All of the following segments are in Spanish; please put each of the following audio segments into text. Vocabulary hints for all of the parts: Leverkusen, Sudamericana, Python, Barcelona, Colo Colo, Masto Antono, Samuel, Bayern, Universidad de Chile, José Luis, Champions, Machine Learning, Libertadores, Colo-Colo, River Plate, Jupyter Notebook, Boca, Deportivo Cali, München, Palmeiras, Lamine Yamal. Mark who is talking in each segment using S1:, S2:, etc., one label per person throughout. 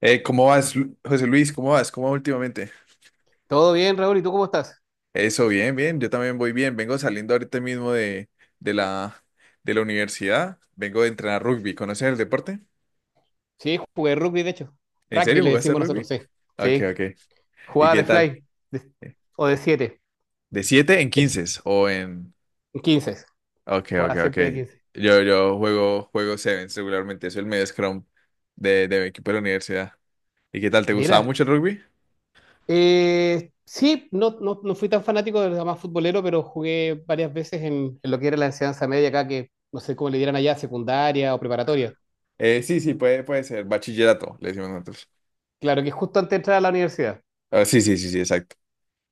S1: ¿Cómo vas, José Luis? ¿Cómo vas? ¿Cómo va últimamente?
S2: Todo bien, Raúl, ¿y tú cómo estás?
S1: Eso, bien, bien. Yo también voy bien. Vengo saliendo ahorita mismo de la, de la universidad. Vengo de entrenar rugby. ¿Conoces el deporte?
S2: Sí, jugué rugby, de hecho.
S1: ¿En
S2: Rugby
S1: serio
S2: le
S1: jugaste
S2: decimos nosotros,
S1: rugby?
S2: sí.
S1: Ok,
S2: Sí.
S1: ok. ¿Y
S2: Jugaba
S1: qué
S2: de
S1: tal?
S2: fly de-
S1: Eh,
S2: o de 7,
S1: ¿De 7 en 15 o en?
S2: quince.
S1: Ok, ok,
S2: Jugaba
S1: ok.
S2: siempre de quince.
S1: Yo juego, juego sevens regularmente. Soy el medio scrum de mi equipo de la universidad. ¿Y qué tal? ¿Te gustaba
S2: Mira,
S1: mucho el rugby?
S2: sí, no fui tan fanático del más futbolero, pero jugué varias veces en lo que era la enseñanza media acá, que no sé cómo le dieran allá, secundaria o preparatoria.
S1: Sí, sí, puede ser. Bachillerato, le decimos nosotros.
S2: Claro, que justo antes de entrar a la universidad.
S1: Ah, sí, sí, sí, sí, exacto.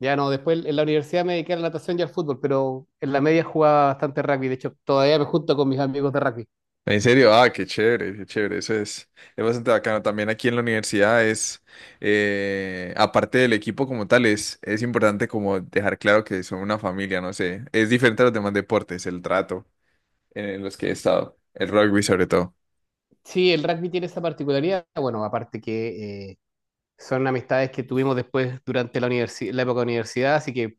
S2: Ya no, después en la universidad me dediqué a la natación y al fútbol, pero en la media jugaba bastante rugby. De hecho, todavía me junto con mis amigos de rugby.
S1: En serio, ah, qué chévere, es bastante bacano. También aquí en la universidad aparte del equipo como tal, es importante como dejar claro que son una familia, no sé, es diferente a los demás deportes, el trato en los que he estado, el rugby sobre todo.
S2: Sí, el rugby tiene esa particularidad. Bueno, aparte que son amistades que tuvimos después durante la época de universidad, así que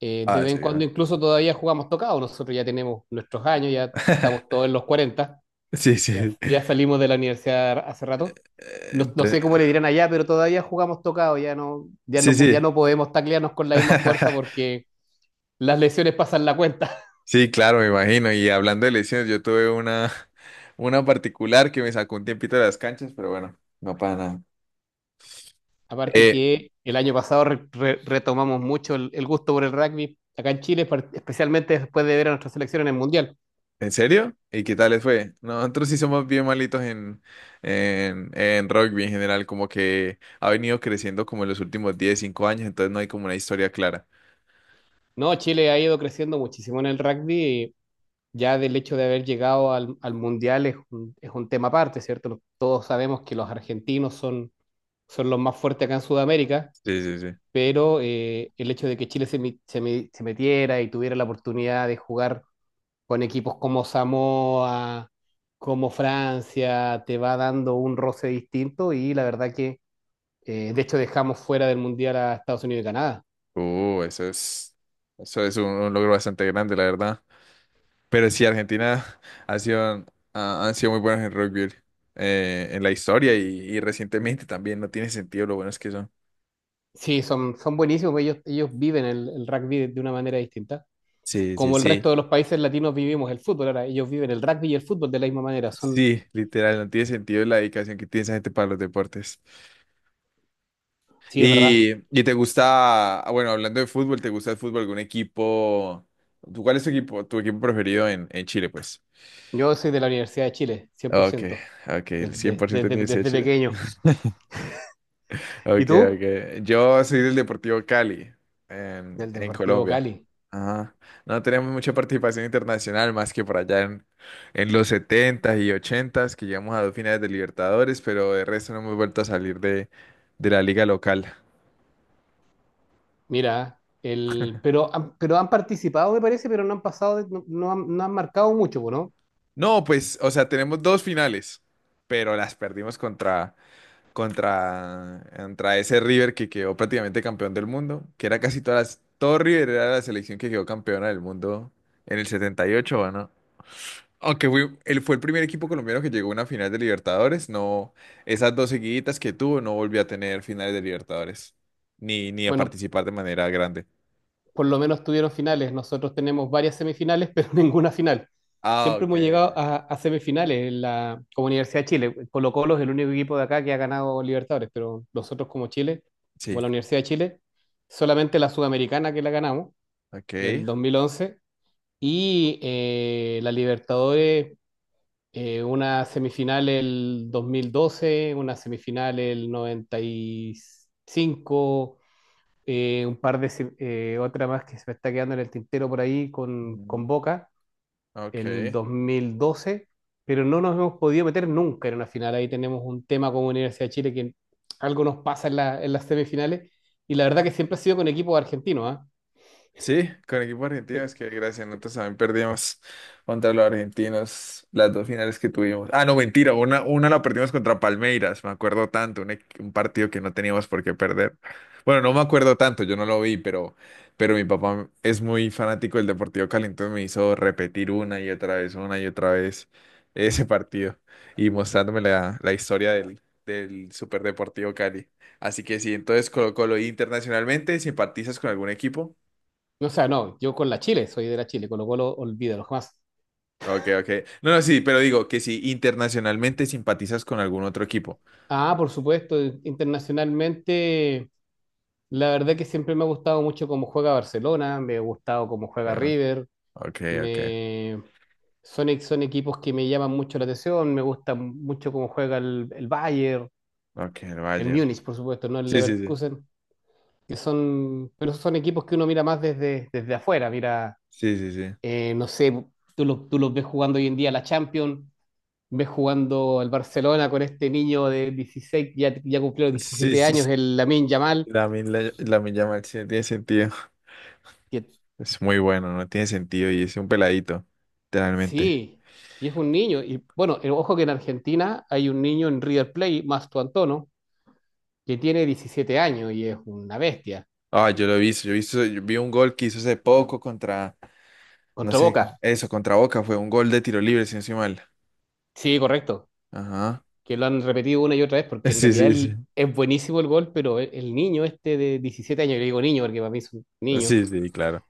S2: de
S1: Ah,
S2: vez
S1: sí,
S2: en
S1: ya.
S2: cuando incluso todavía jugamos tocado. Nosotros ya tenemos nuestros años, ya estamos todos en los 40,
S1: Sí, sí.
S2: ya salimos de la universidad hace rato.
S1: Eh,
S2: No, no
S1: te-
S2: sé cómo le dirán allá, pero todavía jugamos tocado,
S1: Sí,
S2: ya
S1: sí.
S2: no podemos taclearnos con la misma fuerza porque las lesiones pasan la cuenta.
S1: Sí, claro, me imagino. Y hablando de lesiones, yo tuve una particular que me sacó un tiempito de las canchas, pero bueno, no pasa nada.
S2: Aparte
S1: Eh,
S2: que el año pasado retomamos mucho el gusto por el rugby acá en Chile, especialmente después de ver a nuestra selección en el Mundial.
S1: ¿En serio? ¿Y qué tal les fue? Nosotros sí somos bien malitos en rugby en general, como que ha venido creciendo como en los últimos 10 5 años, entonces no hay como una historia clara.
S2: No, Chile ha ido creciendo muchísimo en el rugby y Ya del hecho de haber llegado al Mundial es es un tema aparte, ¿cierto? Todos sabemos que los argentinos son los más fuertes acá en Sudamérica,
S1: Sí, sí, sí.
S2: pero el hecho de que Chile se, mi- se mi- se metiera y tuviera la oportunidad de jugar con equipos como Samoa, como Francia, te va dando un roce distinto y la verdad que, de hecho, dejamos fuera del Mundial a Estados Unidos y Canadá.
S1: Uh, eso es, eso es un logro bastante grande, la verdad. Pero sí, Argentina ha han sido muy buenos en rugby en la historia y recientemente también, no tiene sentido lo buenos que son.
S2: Sí, son buenísimos, pues ellos viven el rugby de una manera distinta.
S1: Sí, sí,
S2: Como el
S1: sí.
S2: resto de los países latinos vivimos el fútbol, ahora ellos viven el rugby y el fútbol de la misma manera.
S1: Sí, literal, no tiene sentido la dedicación que tiene esa gente para los deportes.
S2: Sí, es verdad.
S1: Y te gusta, ah, bueno, hablando de fútbol, ¿te gusta el fútbol? ¿Algún equipo? ¿Tú, cuál es tu equipo preferido en Chile, pues?
S2: Yo soy de la Universidad de Chile, cien por
S1: Ok,
S2: ciento
S1: ok, el 100% tiene que ser
S2: desde
S1: Chile.
S2: pequeño.
S1: Ok,
S2: ¿Y tú?
S1: ok. Yo soy del Deportivo Cali,
S2: Del
S1: en
S2: Deportivo
S1: Colombia.
S2: Cali.
S1: Ajá. No tenemos mucha participación internacional, más que por allá en los setentas y ochentas que llegamos a dos finales de Libertadores, pero de resto no hemos vuelto a salir de la liga local.
S2: Mira, pero han participado, me parece, pero no han pasado, no han marcado mucho, ¿no?
S1: No, pues, o sea, tenemos dos finales, pero las perdimos contra ese River que quedó prácticamente campeón del mundo, que era casi todas las, todo River era la selección que quedó campeona del mundo en el 78, ¿o no? Aunque fue, él fue el primer equipo colombiano que llegó a una final de Libertadores, no, esas dos seguiditas que tuvo no volvió a tener finales de Libertadores, ni a
S2: Bueno,
S1: participar de manera grande.
S2: por lo menos tuvieron finales. Nosotros tenemos varias semifinales, pero ninguna final.
S1: Ah,
S2: Siempre
S1: ok,
S2: hemos llegado
S1: ok.
S2: a semifinales en como Universidad de Chile. Colo-Colo es el único equipo de acá que ha ganado Libertadores, pero nosotros como Chile,
S1: Sí,
S2: como la Universidad de Chile, solamente la Sudamericana que la ganamos, el
S1: ok.
S2: 2011 y la Libertadores. Una semifinal el 2012, una semifinal el 95, un par de, se- otra más que se me está quedando en el tintero por ahí con
S1: Mm.
S2: Boca,
S1: Ok.
S2: el 2012, pero no nos hemos podido meter nunca en una final. Ahí tenemos un tema como Universidad de Chile que algo nos pasa en las semifinales y la verdad que siempre ha sido con equipos argentinos, ¿ah?
S1: Sí, con equipo argentino
S2: Sí.
S1: es que gracias, nosotros también perdimos contra los argentinos las dos finales que tuvimos. Ah, no, mentira, una la perdimos contra Palmeiras, me acuerdo tanto, un partido que no teníamos por qué perder. Bueno, no me acuerdo tanto, yo no lo vi, pero mi papá es muy fanático del Deportivo Cali, entonces me hizo repetir una y otra vez, una y otra vez ese partido y mostrándome la historia del Super Deportivo Cali. Así que sí, entonces Colo Colo, ¿y internacionalmente, ¿simpatizas con algún equipo?
S2: O sea, no, yo con la Chile, soy de la Chile, con lo cual olvídalo jamás.
S1: Ok, ok. No, no, sí, pero digo que si internacionalmente simpatizas con algún otro equipo.
S2: Ah, por supuesto, internacionalmente la verdad que siempre me ha gustado mucho cómo juega Barcelona, me ha gustado cómo juega
S1: Ah,
S2: River,
S1: ok, ok.
S2: me... son equipos que me llaman mucho la atención, me gusta mucho cómo juega el Bayern,
S1: Ok, el
S2: el
S1: Bayern.
S2: Múnich, por supuesto, no el
S1: Sí, sí, sí.
S2: Leverkusen, que son, pero son equipos que uno mira más desde afuera, mira,
S1: Sí, sí, sí.
S2: no sé, tú los ves jugando hoy en día la Champions, ves jugando el Barcelona con este niño de dieciséis, ya, ya cumplió
S1: Sí,
S2: diecisiete
S1: sí,
S2: años,
S1: sí.
S2: el Lamine Yamal
S1: Lamine la Lamine Yamal, sí, no tiene sentido.
S2: que
S1: Es muy bueno, no tiene sentido y es un peladito, literalmente.
S2: sí, y es un niño. Y bueno, ojo que en Argentina hay un niño en River Plate, Masto Antono, que tiene 17 años y es una bestia.
S1: Ah, yo lo he visto, yo vi un gol que hizo hace poco contra, no
S2: Contra
S1: sé,
S2: Boca.
S1: eso, contra Boca, fue un gol de tiro libre, si no estoy mal.
S2: Sí, correcto.
S1: Ajá.
S2: Que lo han repetido una y otra vez porque en
S1: Sí,
S2: realidad
S1: sí, sí.
S2: es buenísimo el gol, pero el niño este de 17 años, yo le digo niño porque para mí es un niño,
S1: Sí, sí, claro.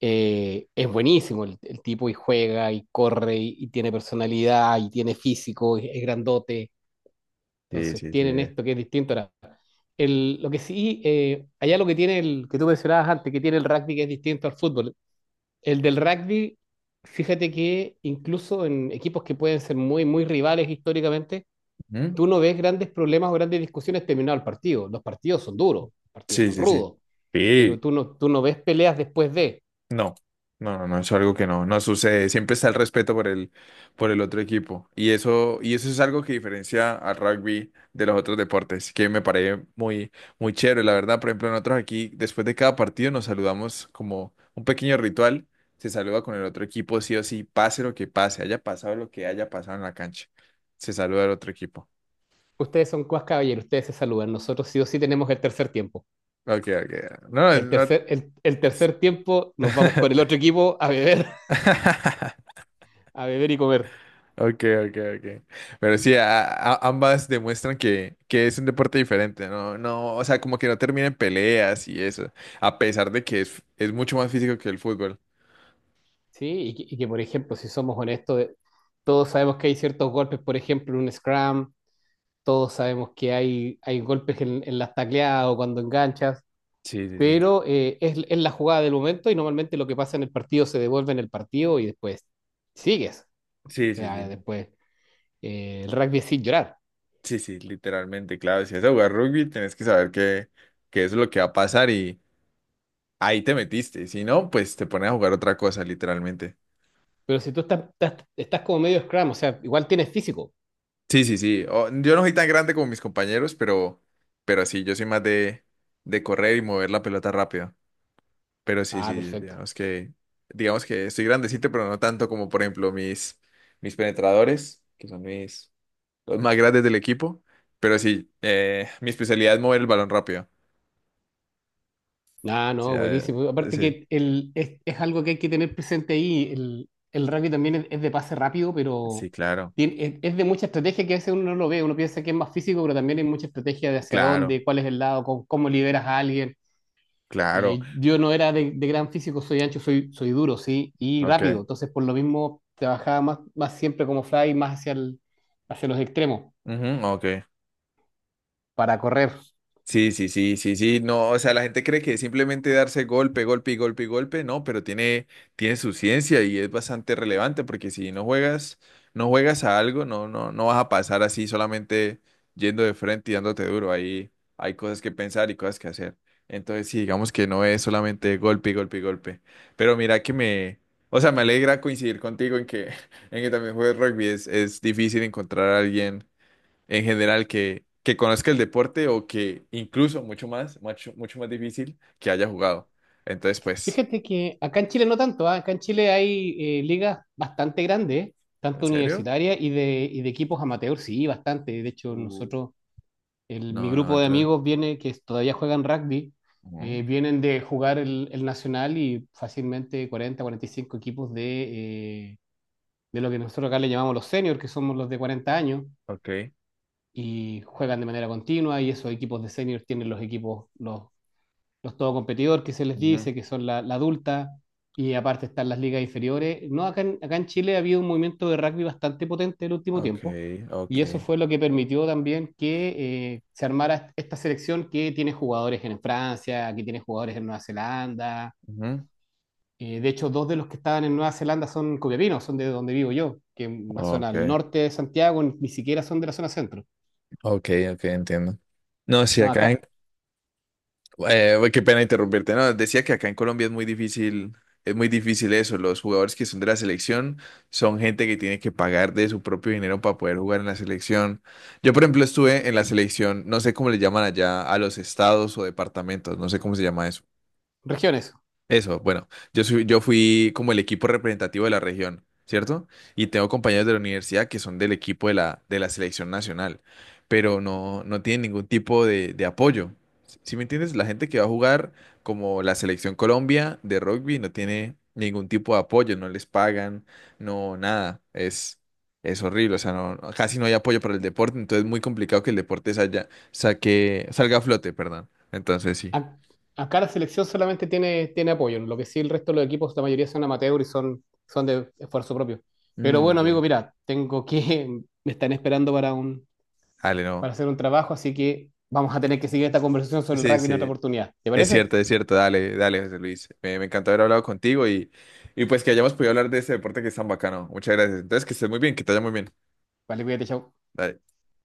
S2: es buenísimo el tipo y juega y corre y tiene personalidad y tiene físico, y es grandote.
S1: Sí,
S2: Entonces
S1: sí, sí.
S2: tienen esto que es distinto. Ahora, lo que sí, allá lo que tiene el que tú mencionabas antes, que tiene el rugby que es distinto al fútbol. El del rugby, fíjate que incluso en equipos que pueden ser muy, muy rivales históricamente,
S1: Ujú.
S2: tú no ves grandes problemas o grandes discusiones terminado el partido. Los partidos son duros, los partidos
S1: Sí,
S2: son
S1: sí, sí.
S2: rudos, pero
S1: Sí.
S2: tú no ves peleas después de.
S1: No, no, no, no, es algo que no sucede. Siempre está el respeto por por el otro equipo. Y eso es algo que diferencia al rugby de los otros deportes, que me parece muy, muy chévere. La verdad, por ejemplo, nosotros aquí, después de cada partido, nos saludamos como un pequeño ritual. Se saluda con el otro equipo, sí o sí, pase lo que pase, haya pasado lo que haya pasado en la cancha. Se saluda al otro equipo.
S2: Ustedes son cuas caballeros, ustedes se saludan. Nosotros sí o sí tenemos el tercer tiempo.
S1: Ok, ok. No, no.
S2: El tercer tiempo nos vamos con el otro equipo a beber, a beber y comer.
S1: Ok, ok, ok. Pero sí, ambas demuestran que es un deporte diferente, ¿no? No, o sea, como que no termina en peleas y eso, a pesar de que es mucho más físico que el fútbol.
S2: Sí, y que, por ejemplo, si somos honestos, todos sabemos que hay ciertos golpes, por ejemplo, en un scrum, todos sabemos que hay golpes en las tacleadas o cuando enganchas,
S1: Sí, sí, sí.
S2: pero es la jugada del momento y normalmente lo que pasa en el partido se devuelve en el partido y después sigues.
S1: Sí,
S2: O
S1: sí,
S2: sea,
S1: sí.
S2: después el rugby es sin llorar,
S1: Sí, sí, sí, literalmente, claro. Si vas a jugar rugby, tenés que saber que eso es lo que va a pasar y ahí te metiste. Si no, pues te pones a jugar otra cosa, literalmente.
S2: pero si estás como medio scrum, o sea, igual tienes físico.
S1: Sí, sí, sí. O, yo no soy tan grande como mis compañeros, pero sí, yo soy más de correr y mover la pelota rápido. Pero sí,
S2: Ah,
S1: sí, sí,
S2: perfecto.
S1: digamos que estoy grandecito, pero no tanto como, por ejemplo, mis penetradores, que son mis, los más grandes del equipo. Pero sí, mi especialidad es mover el balón rápido.
S2: Ah,
S1: O
S2: no,
S1: eh,
S2: buenísimo. Aparte
S1: sí,
S2: que es algo que hay que tener presente ahí. El rugby también es de pase rápido, pero
S1: sí, claro,
S2: es de mucha estrategia que a veces uno no lo ve. Uno piensa que es más físico, pero también hay mucha estrategia de hacia
S1: claro,
S2: dónde, cuál es el lado, cómo, cómo liberas a alguien.
S1: claro.
S2: Yo no era de gran físico, soy ancho, soy duro, sí, y rápido.
S1: Ok.
S2: Entonces, por lo mismo, trabajaba más siempre como fly, más hacia hacia los extremos
S1: Ujú, ok.
S2: para correr.
S1: Sí, sí, sí, sí, sí, no, o sea, la gente cree que es simplemente darse golpe, golpe y golpe y golpe, no, pero tiene, tiene su ciencia y es bastante relevante porque si no juegas, no juegas a algo, no, no, no vas a pasar así solamente yendo de frente y dándote duro, ahí hay cosas que pensar y cosas que hacer. Entonces, sí, digamos que no es solamente golpe y golpe y golpe, pero mira que me, o sea, me alegra coincidir contigo en que, en que también juegas rugby, es difícil encontrar a alguien en general que conozca el deporte o que incluso mucho más, mucho, mucho más difícil que haya jugado. Entonces, pues,
S2: Fíjate que acá en Chile no tanto, ¿ah? Acá en Chile hay ligas bastante grandes,
S1: ¿en
S2: tanto
S1: serio?
S2: universitarias y de equipos amateur sí, bastante. De hecho,
S1: Uh.
S2: nosotros, mi
S1: No, no,
S2: grupo de
S1: otra.
S2: amigos viene, que todavía juegan rugby,
S1: Ujú.
S2: vienen de jugar el Nacional y fácilmente 40, 45 equipos de lo que nosotros acá le llamamos los seniors, que somos los de 40 años,
S1: Ok.
S2: y juegan de manera continua y esos equipos de seniors tienen los equipos, los todo competidor que se les
S1: Ujú.
S2: dice, que son la adulta, y aparte están las ligas inferiores. No, acá en Chile ha habido un movimiento de rugby bastante potente en el último
S1: Ok,
S2: tiempo,
S1: ok.
S2: y eso fue lo que permitió también que se armara esta selección que tiene jugadores en Francia, que tiene jugadores en Nueva Zelanda.
S1: Ujú.
S2: De hecho, dos de los que estaban en Nueva Zelanda son copiapinos, son de donde vivo yo, que es una zona
S1: Ok,
S2: al norte de Santiago, ni siquiera son de la zona centro.
S1: ok, ok, entiendo. No, sí,
S2: No,
S1: acá en
S2: acá,
S1: Güey, qué pena interrumpirte. No, decía que acá en Colombia es muy difícil eso. Los jugadores que son de la selección son gente que tiene que pagar de su propio dinero para poder jugar en la selección. Yo, por ejemplo, estuve en la selección, no sé cómo le llaman allá a los estados o departamentos, no sé cómo se llama eso.
S2: regiones,
S1: Eso, bueno, yo soy, yo fui como el equipo representativo de la región, ¿cierto? Y tengo compañeros de la universidad que son del equipo de de la selección nacional, pero no, no tienen ningún tipo de apoyo. ¿Si me entiendes? La gente que va a jugar como la selección Colombia de rugby no tiene ningún tipo de apoyo, no les pagan, no, nada. Es horrible, o sea, casi no hay apoyo para el deporte, entonces es muy complicado que el deporte salga a flote, perdón. Entonces sí.
S2: a- acá la selección solamente tiene apoyo, lo que sí el resto de los equipos, la mayoría son amateur y son de esfuerzo propio. Pero
S1: Mm,
S2: bueno, amigo,
S1: ok.
S2: mira, me están esperando para
S1: Dale,
S2: para
S1: no.
S2: hacer un trabajo, así que vamos a tener que seguir esta conversación sobre el
S1: Sí,
S2: rugby en otra
S1: sí,
S2: oportunidad. ¿Te
S1: es
S2: parece?
S1: cierto, es cierto. Dale, dale, José Luis. Me encantó haber hablado contigo y pues que hayamos podido hablar de ese deporte que es tan bacano. Muchas gracias. Entonces, que estés muy bien, que te vaya muy bien.
S2: Vale, cuídate, chao.
S1: Dale.